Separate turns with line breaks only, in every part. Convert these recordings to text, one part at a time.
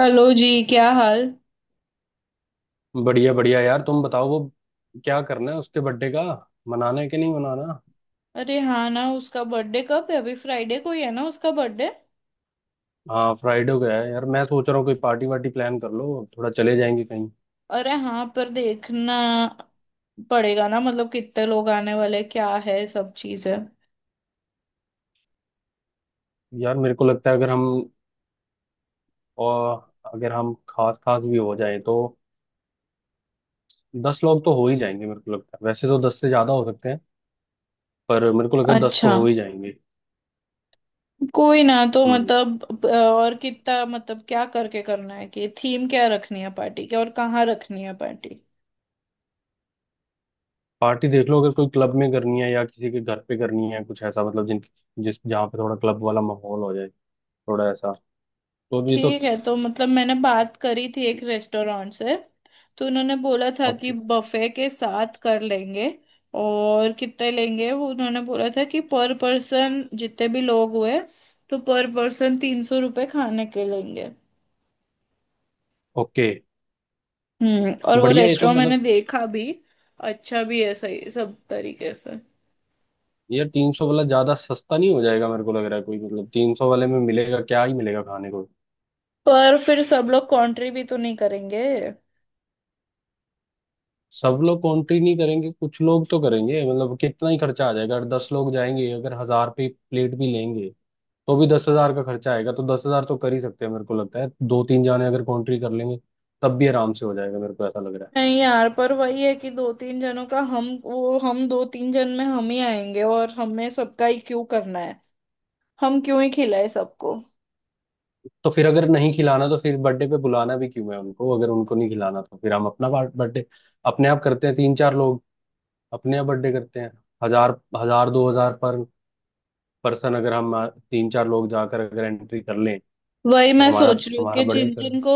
Hello जी क्या हाल।
बढ़िया बढ़िया यार, तुम बताओ। वो क्या करना है उसके बर्थडे का? मनाना है कि नहीं मनाना?
अरे हाँ ना उसका बर्थडे कब है अभी फ्राइडे को ही है ना उसका बर्थडे।
हाँ, फ्राइडे हो गया है यार। मैं सोच रहा हूँ कोई पार्टी वार्टी प्लान कर लो, थोड़ा चले जाएंगे कहीं।
अरे हाँ पर देखना पड़ेगा ना, मतलब कितने लोग आने वाले क्या है सब चीजें।
यार मेरे को लगता है अगर हम, और अगर हम खास खास भी हो जाएं तो दस लोग तो हो ही जाएंगे। मेरे को लगता है वैसे तो दस से ज्यादा हो सकते हैं, पर मेरे को लगता है दस
अच्छा
तो हो ही जाएंगे।
कोई ना तो
हम्म।
मतलब और कितना मतलब क्या करके करना है कि थीम क्या रखनी है पार्टी की और कहाँ रखनी है पार्टी।
पार्टी देख लो, अगर कोई क्लब में करनी है या किसी के घर पे करनी है, कुछ ऐसा। मतलब जिन जिस जहाँ पे थोड़ा क्लब वाला माहौल हो जाए, थोड़ा ऐसा। तो ये तो।
ठीक है तो मतलब मैंने बात करी थी एक रेस्टोरेंट से तो उन्होंने बोला था कि
ओके।
बफे के साथ कर लेंगे। और कितने लेंगे वो उन्होंने बोला था कि पर पर्सन जितने भी लोग हुए तो पर पर्सन 300 रुपये खाने के लेंगे।
ओके।
हम्म। और वो
बढ़िया, ये तो
रेस्टोरेंट मैंने
मतलब।
देखा भी, अच्छा भी है सही सब तरीके से।
यार तीन सौ वाला ज्यादा सस्ता नहीं हो जाएगा? मेरे को लग रहा है, कोई मतलब तीन सौ वाले में मिलेगा, क्या ही मिलेगा खाने को।
पर फिर सब लोग कंट्री भी तो नहीं करेंगे।
सब लोग कॉन्ट्री नहीं करेंगे, कुछ लोग तो करेंगे। मतलब कितना ही खर्चा आ जाएगा। अगर दस लोग जाएंगे, अगर हजार पे प्लेट भी लेंगे तो भी दस हजार का खर्चा आएगा। तो दस हजार तो कर ही सकते हैं। मेरे को लगता है दो तीन जाने अगर कॉन्ट्री कर लेंगे तब भी आराम से हो जाएगा। मेरे को ऐसा लग रहा है।
नहीं यार, पर वही है कि दो तीन जनों का हम वो हम दो तीन जन में हम ही आएंगे और हमें सबका ही क्यों करना है। हम क्यों ही खिलाए सबको।
तो फिर अगर नहीं खिलाना तो फिर बर्थडे पे बुलाना भी क्यों है उनको? अगर उनको नहीं खिलाना तो फिर हम अपना बर्थडे अपने आप करते हैं। तीन चार लोग अपने यहाँ बर्थडे करते हैं। हजार, हजार दो हजार पर पर्सन, अगर हम तीन चार लोग जाकर अगर एंट्री कर लें
वही
तो
मैं
हमारा,
सोच रही हूँ कि
बढ़िया
जिन
चल।
जिन को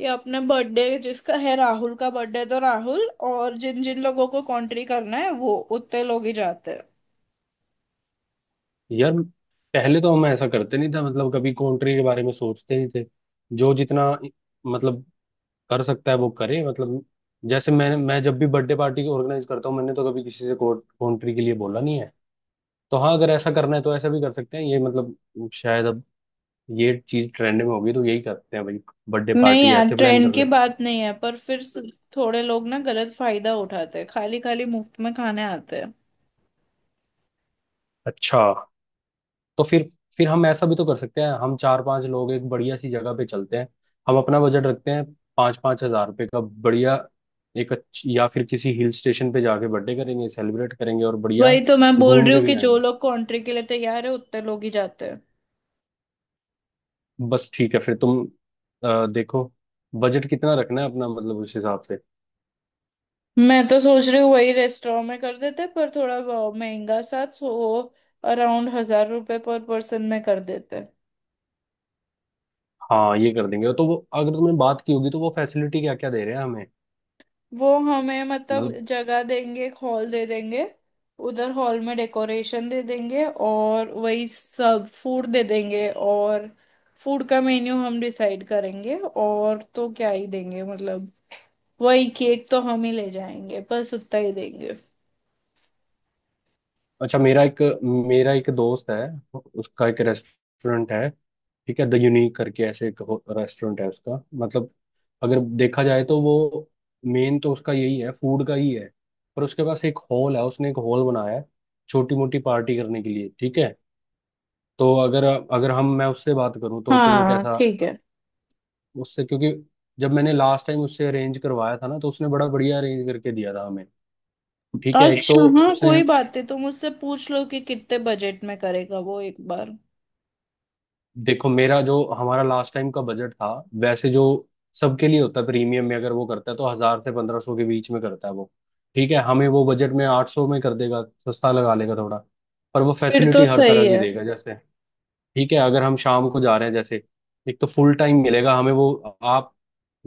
ये अपने बर्थडे जिसका है राहुल का बर्थडे तो राहुल और जिन जिन लोगों को कॉन्ट्री करना है वो उतने लोग ही जाते हैं।
यार पहले तो हम ऐसा करते नहीं था, मतलब कभी कंट्री के बारे में सोचते नहीं थे। जो जितना मतलब कर सकता है वो करे। मतलब जैसे मैं जब भी बर्थडे पार्टी ऑर्गेनाइज करता हूँ, मैंने तो कभी किसी से कंट्री के लिए बोला नहीं है। तो हाँ, अगर ऐसा करना है तो ऐसा भी कर सकते हैं। ये मतलब शायद अब ये चीज ट्रेंड में होगी तो यही करते हैं भाई, बर्थडे
नहीं
पार्टी
यार,
ऐसे प्लान
ट्रेंड
कर
की
लेते हैं।
बात नहीं है, पर फिर थोड़े लोग ना गलत फायदा उठाते हैं, खाली खाली मुफ्त में खाने आते हैं।
अच्छा। तो फिर, हम ऐसा भी तो कर सकते हैं, हम चार पांच लोग एक बढ़िया सी जगह पे चलते हैं। हम अपना बजट रखते हैं, पाँच पाँच हजार रुपये का, बढ़िया एक अच्छी, या फिर किसी हिल स्टेशन पे जाके बर्थडे करेंगे, सेलिब्रेट करेंगे और बढ़िया
वही तो मैं बोल
घूम
रही
के
हूँ
भी
कि जो
आएंगे।
लोग कॉन्ट्री के लिए तैयार है उतने लोग ही जाते हैं।
बस, ठीक है फिर। तुम देखो बजट कितना रखना है अपना, मतलब उस हिसाब से।
मैं तो सोच रही हूँ वही रेस्टोरेंट में कर देते पर थोड़ा बहुत महंगा सा, सो अराउंड 1000 रुपए पर पर्सन में कर देते।
हाँ, ये कर देंगे तो वो, अगर तुमने बात की होगी तो वो फैसिलिटी क्या क्या दे रहे हैं हमें
वो हमें मतलब
मतलब?
जगह देंगे, एक हॉल दे देंगे। उधर हॉल में डेकोरेशन दे देंगे और वही सब फूड दे देंगे। और फूड का मेन्यू हम डिसाइड करेंगे, और तो क्या ही देंगे मतलब। वही केक तो हम ही ले जाएंगे, बस उतना ही देंगे।
अच्छा, मेरा एक, दोस्त है, उसका एक रेस्टोरेंट है। ठीक है, द यूनिक करके ऐसे एक रेस्टोरेंट है उसका। मतलब अगर देखा जाए तो वो मेन तो उसका यही है, फूड का ही है, पर उसके पास एक हॉल है, उसने एक हॉल बनाया है छोटी मोटी पार्टी करने के लिए। ठीक है, तो अगर, हम, मैं उससे बात करूं तो तुम्हें
हाँ
कैसा?
ठीक है।
उससे क्योंकि जब मैंने लास्ट टाइम उससे अरेंज करवाया था ना, तो उसने बड़ा बढ़िया अरेंज करके दिया था हमें। ठीक है। एक तो
अच्छा हाँ,
उसने,
कोई बात नहीं, तो मुझसे पूछ लो कि कितने बजट में करेगा वो एक बार।
देखो मेरा जो हमारा लास्ट टाइम का बजट था, वैसे जो सबके लिए होता है प्रीमियम में अगर वो करता है, तो हजार से पंद्रह सौ के बीच में करता है वो। ठीक है, हमें वो बजट में आठ सौ में कर देगा, सस्ता लगा लेगा थोड़ा। पर वो
फिर तो
फैसिलिटी हर
सही
तरह की
है।
देगा। जैसे, ठीक है, अगर हम शाम को जा रहे हैं, जैसे एक तो फुल टाइम मिलेगा हमें वो। आप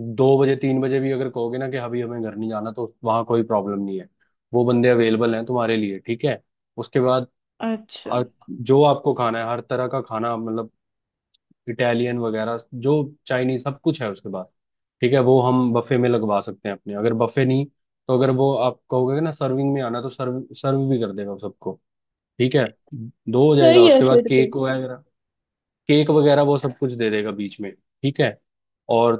दो बजे तीन बजे भी अगर कहोगे ना कि अभी हमें घर नहीं जाना तो वहाँ कोई प्रॉब्लम नहीं है। वो बंदे अवेलेबल हैं तुम्हारे लिए। ठीक है, उसके बाद
अच्छा।
आ- जो आपको खाना है, हर तरह का खाना, मतलब इटालियन वगैरह जो चाइनीज, सब कुछ है उसके पास। ठीक है, वो हम बफे में लगवा सकते हैं अपने, अगर बफे नहीं तो अगर वो आप कहोगे ना सर्विंग में आना, तो सर्व सर्व भी कर देगा वो सबको। ठीक है, दो हो जाएगा
सही है
उसके बाद
फिर तो।
केक वगैरह, वो सब कुछ दे देगा बीच में। ठीक है, और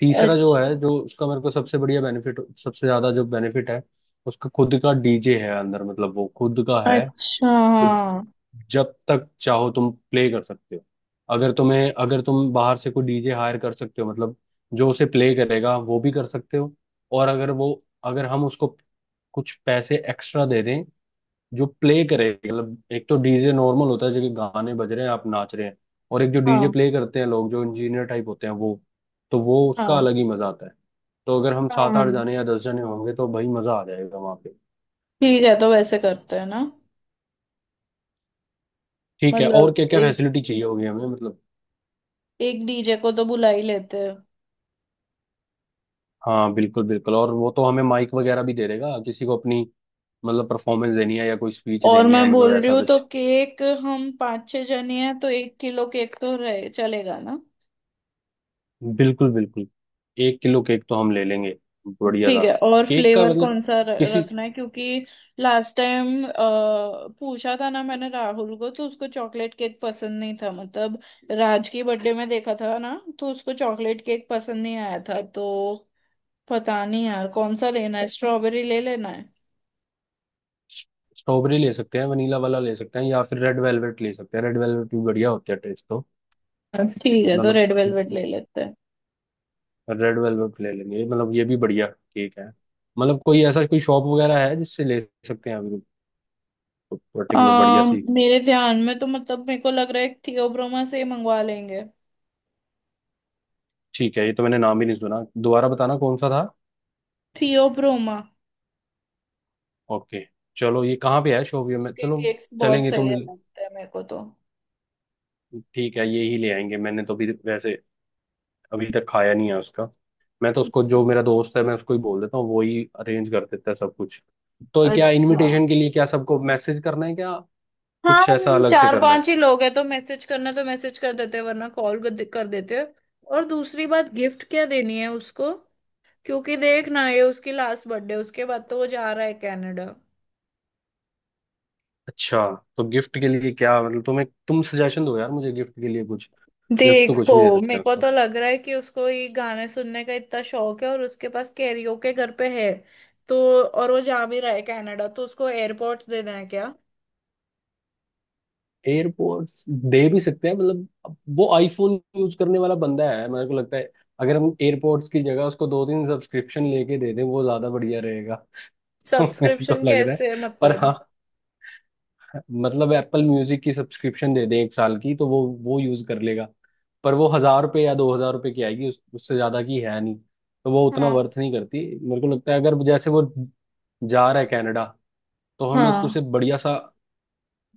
तीसरा जो
अच्छा।
है, जो उसका मेरे को सबसे बढ़िया बेनिफिट, सबसे ज्यादा जो बेनिफिट है उसका, खुद का डीजे है अंदर। मतलब वो खुद का है
अच्छा।
तो
हाँ।
जब तक चाहो तुम प्ले कर सकते हो। अगर तुम्हें, अगर तुम बाहर से कोई डीजे हायर कर सकते हो, मतलब जो उसे प्ले करेगा, वो भी कर सकते हो। और अगर वो, अगर हम उसको कुछ पैसे एक्स्ट्रा दे दें जो प्ले करेगा, मतलब एक तो डीजे नॉर्मल होता है जो कि गाने बज रहे हैं आप नाच रहे हैं, और एक जो डीजे
हाँ
प्ले करते हैं लोग जो इंजीनियर टाइप होते हैं वो, तो वो उसका
हाँ।
अलग ही मजा आता है। तो अगर हम सात
हाँ।
आठ जाने या दस जाने होंगे तो भाई मजा आ जाएगा वहां पे।
ठीक है तो वैसे करते हैं ना।
ठीक है, और
मतलब
क्या क्या
एक
फैसिलिटी चाहिए होगी हमें मतलब?
एक डीजे को तो बुला ही लेते हैं।
हाँ बिल्कुल बिल्कुल, और वो तो हमें माइक वगैरह भी दे देगा, किसी को अपनी मतलब परफॉर्मेंस देनी है या कोई स्पीच
और
देनी है,
मैं
मतलब
बोल रही
ऐसा
हूँ तो
कुछ।
केक हम पाँच छह जने हैं तो एक किलो केक तो रहे चलेगा ना।
बिल्कुल बिल्कुल, एक किलो केक तो हम ले लेंगे, बढ़िया
ठीक
था।
है, और
केक का
फ्लेवर
मतलब
कौन सा
किसी,
रखना है, क्योंकि लास्ट टाइम पूछा था ना मैंने राहुल को तो उसको चॉकलेट केक पसंद नहीं था मतलब राज की बर्थडे में देखा था ना तो उसको चॉकलेट केक पसंद नहीं आया था तो पता नहीं यार कौन सा लेना है, स्ट्रॉबेरी ले लेना है।
स्ट्रॉबेरी ले सकते हैं, वनीला वाला ले सकते हैं, या फिर रेड वेलवेट ले सकते हैं। रेड वेलवेट भी बढ़िया होता है टेस्ट तो।
ठीक है तो
मतलब
रेड वेलवेट ले लेते हैं।
रेड वेलवेट ले लेंगे, मतलब ये भी बढ़िया केक है। मतलब कोई ऐसा कोई शॉप वगैरह है जिससे ले सकते हैं अभी, पर्टिकुलर बढ़िया सी?
मेरे ध्यान में तो मतलब मेरे को लग रहा है थियोब्रोमा से ही मंगवा लेंगे।
ठीक है, ये तो मैंने नाम ही नहीं सुना, दोबारा बताना कौन सा था?
थियोब्रोमा।
ओके, चलो। ये कहाँ पे है, शोपियो में?
उसके
चलो,
केक्स बहुत
चलेंगे
सही
तुम।
लगते हैं मेरे को तो।
ठीक है, ये ही ले आएंगे। मैंने तो अभी वैसे अभी तक खाया नहीं है उसका। मैं तो उसको, जो मेरा दोस्त है, मैं उसको ही बोल देता हूँ, वो ही अरेंज कर देता है सब कुछ। तो क्या
अच्छा
इनविटेशन के लिए क्या सबको मैसेज करना है क्या,
हाँ,
कुछ ऐसा
हम
अलग से
चार
करना है?
पांच ही लोग हैं तो मैसेज करना, तो मैसेज कर देते हैं वरना कॉल कर देते हैं। और दूसरी बात, गिफ्ट क्या देनी है उसको, क्योंकि देख ना ये उसकी लास्ट बर्थडे, उसके बाद तो वो जा रहा है कनाडा।
अच्छा, तो गिफ्ट के लिए क्या, मतलब तुम्हें, तुम सजेशन दो यार मुझे गिफ्ट के लिए कुछ। गिफ्ट तो कुछ
देखो,
भी दे सकते
मेरे
हैं।
को तो लग रहा है कि उसको ये गाने सुनने का इतना शौक है और उसके पास कैरियोके घर पे है तो। और वो जा भी रहा है कनाडा, तो उसको एयरपोर्ट्स दे देना है क्या।
एयरपोर्ट्स दे भी सकते हैं, मतलब अब वो आईफोन यूज करने वाला बंदा है मेरे को लगता है। अगर हम एयरपोर्ट्स की जगह उसको दो तीन सब्सक्रिप्शन लेके दे दें, वो ज्यादा बढ़िया रहेगा। मेरे को
सब्सक्रिप्शन
लग रहा है।
कैसे
पर
मतलब।
हाँ, मतलब एप्पल म्यूजिक की सब्सक्रिप्शन दे दें एक साल की तो वो यूज कर लेगा, पर वो हजार रुपये या दो हजार रुपये की आएगी, उससे ज्यादा की है नहीं, तो वो उतना
हाँ
वर्थ नहीं करती मेरे को लगता है। अगर जैसे वो जा रहा है कनाडा, तो हम एक उसे
हाँ।
बढ़िया सा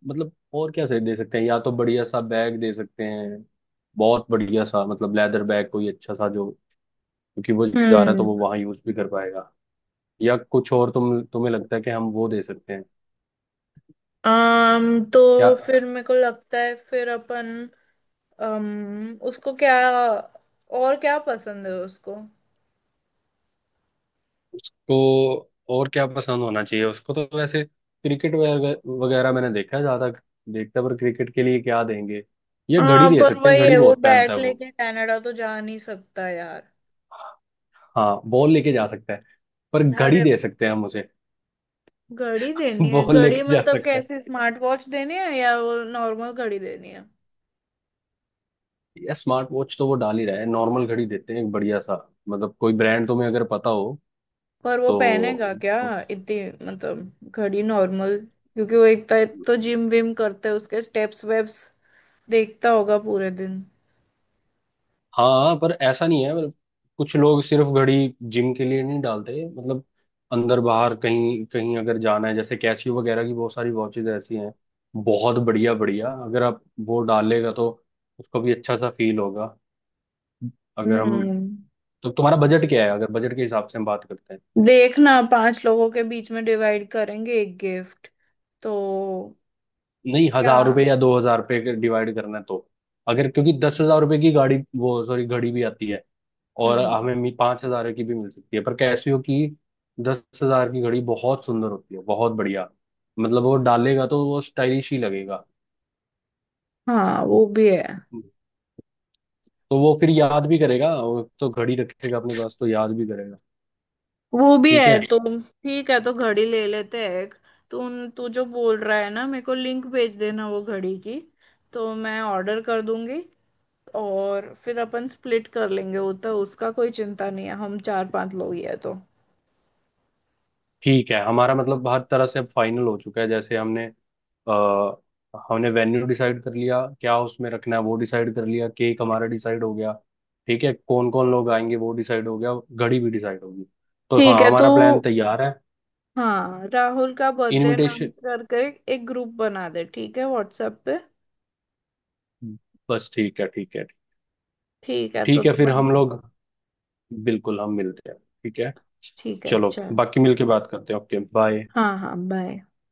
मतलब, और क्या सही दे सकते हैं? या तो बढ़िया सा बैग दे सकते हैं, बहुत बढ़िया सा, मतलब लेदर बैग कोई अच्छा सा जो, क्योंकि वो जा रहा है तो
हम्म।
वो वहां यूज भी कर पाएगा। या कुछ और तुम्हें लगता है कि हम वो दे सकते हैं
तो
क्या?
फिर मेरे को लगता है फिर अपन उसको क्या, और क्या पसंद है उसको।
उसको और क्या पसंद होना चाहिए? उसको तो वैसे क्रिकेट वगैरह मैंने देखा है, ज्यादा देखता, पर क्रिकेट के लिए क्या देंगे? या घड़ी
हाँ
दे
पर
सकते हैं,
वही है
घड़ी
वो
बहुत पहनता
बैट
है वो।
लेके कनाडा तो जा नहीं सकता यार।
हाँ, बॉल लेके जा सकता है, पर घड़ी
अरे,
दे सकते हैं हम उसे।
घड़ी देनी है
बॉल
घड़ी,
लेके जा
मतलब
सकता है,
कैसी स्मार्ट वॉच देनी है या वो नॉर्मल घड़ी देनी है।
या स्मार्ट वॉच तो वो डाल ही रहा है, नॉर्मल घड़ी देते हैं एक बढ़िया सा, मतलब कोई ब्रांड तुम्हें अगर पता हो
पर वो
तो।
पहनेगा क्या इतनी, मतलब घड़ी नॉर्मल, क्योंकि वो एक तो जिम विम करता है, उसके स्टेप्स वेप्स देखता होगा पूरे दिन।
हाँ हाँ, पर ऐसा नहीं है मतलब, कुछ लोग सिर्फ घड़ी जिम के लिए नहीं डालते। मतलब अंदर बाहर कहीं कहीं अगर जाना है, जैसे कैसियो वगैरह की बहुत सारी वॉचेज ऐसी हैं, बहुत बढ़िया बढ़िया, अगर आप वो डालेगा तो उसको भी अच्छा सा फील होगा। अगर हम,
हम्म।
तो तुम्हारा बजट क्या है, अगर बजट के हिसाब से हम बात करते हैं?
देखना, पांच लोगों के बीच में डिवाइड करेंगे एक गिफ्ट तो।
नहीं,
क्या।
हजार रुपये या दो हजार रुपये डिवाइड करना है तो, अगर, क्योंकि दस हजार रुपये की गाड़ी, वो सॉरी घड़ी भी आती है, और
हम्म।
हमें पांच हजार की भी मिल सकती है पर कैसियो की। दस हजार की घड़ी बहुत सुंदर होती है, बहुत बढ़िया, मतलब वो डालेगा तो वो स्टाइलिश ही लगेगा।
हाँ वो भी है।
तो वो फिर याद भी करेगा, और तो घड़ी रखेगा अपने पास, तो याद भी करेगा।
वो भी
ठीक
है
है।
तो। ठीक है तो घड़ी ले लेते हैं एक। तू तू जो बोल रहा है ना मेरे को लिंक भेज देना वो घड़ी की, तो मैं ऑर्डर कर दूंगी और फिर अपन स्प्लिट कर लेंगे, वो तो उसका कोई चिंता नहीं है, हम चार पांच लोग ही है तो।
ठीक है, हमारा मतलब हर तरह से अब फाइनल हो चुका है। जैसे हमने आ, हमने वेन्यू डिसाइड कर लिया, क्या उसमें रखना है वो डिसाइड कर लिया, केक हमारा डिसाइड हो गया, ठीक है कौन कौन लोग आएंगे वो डिसाइड हो गया, घड़ी भी डिसाइड होगी, तो
ठीक
हाँ
है तो
हमारा प्लान तैयार है।
हाँ, राहुल का बर्थडे नाम
इनविटेशन,
करके एक ग्रुप बना दे, ठीक है, व्हाट्सएप पे।
बस। ठीक है, ठीक है।
ठीक है तो
ठीक है,
तू
फिर हम
बना।
लोग बिल्कुल हम मिलते हैं। ठीक है,
ठीक है
चलो।
चल।
बाकी मिलके बात करते हैं। Okay, bye.
हाँ हाँ बाय।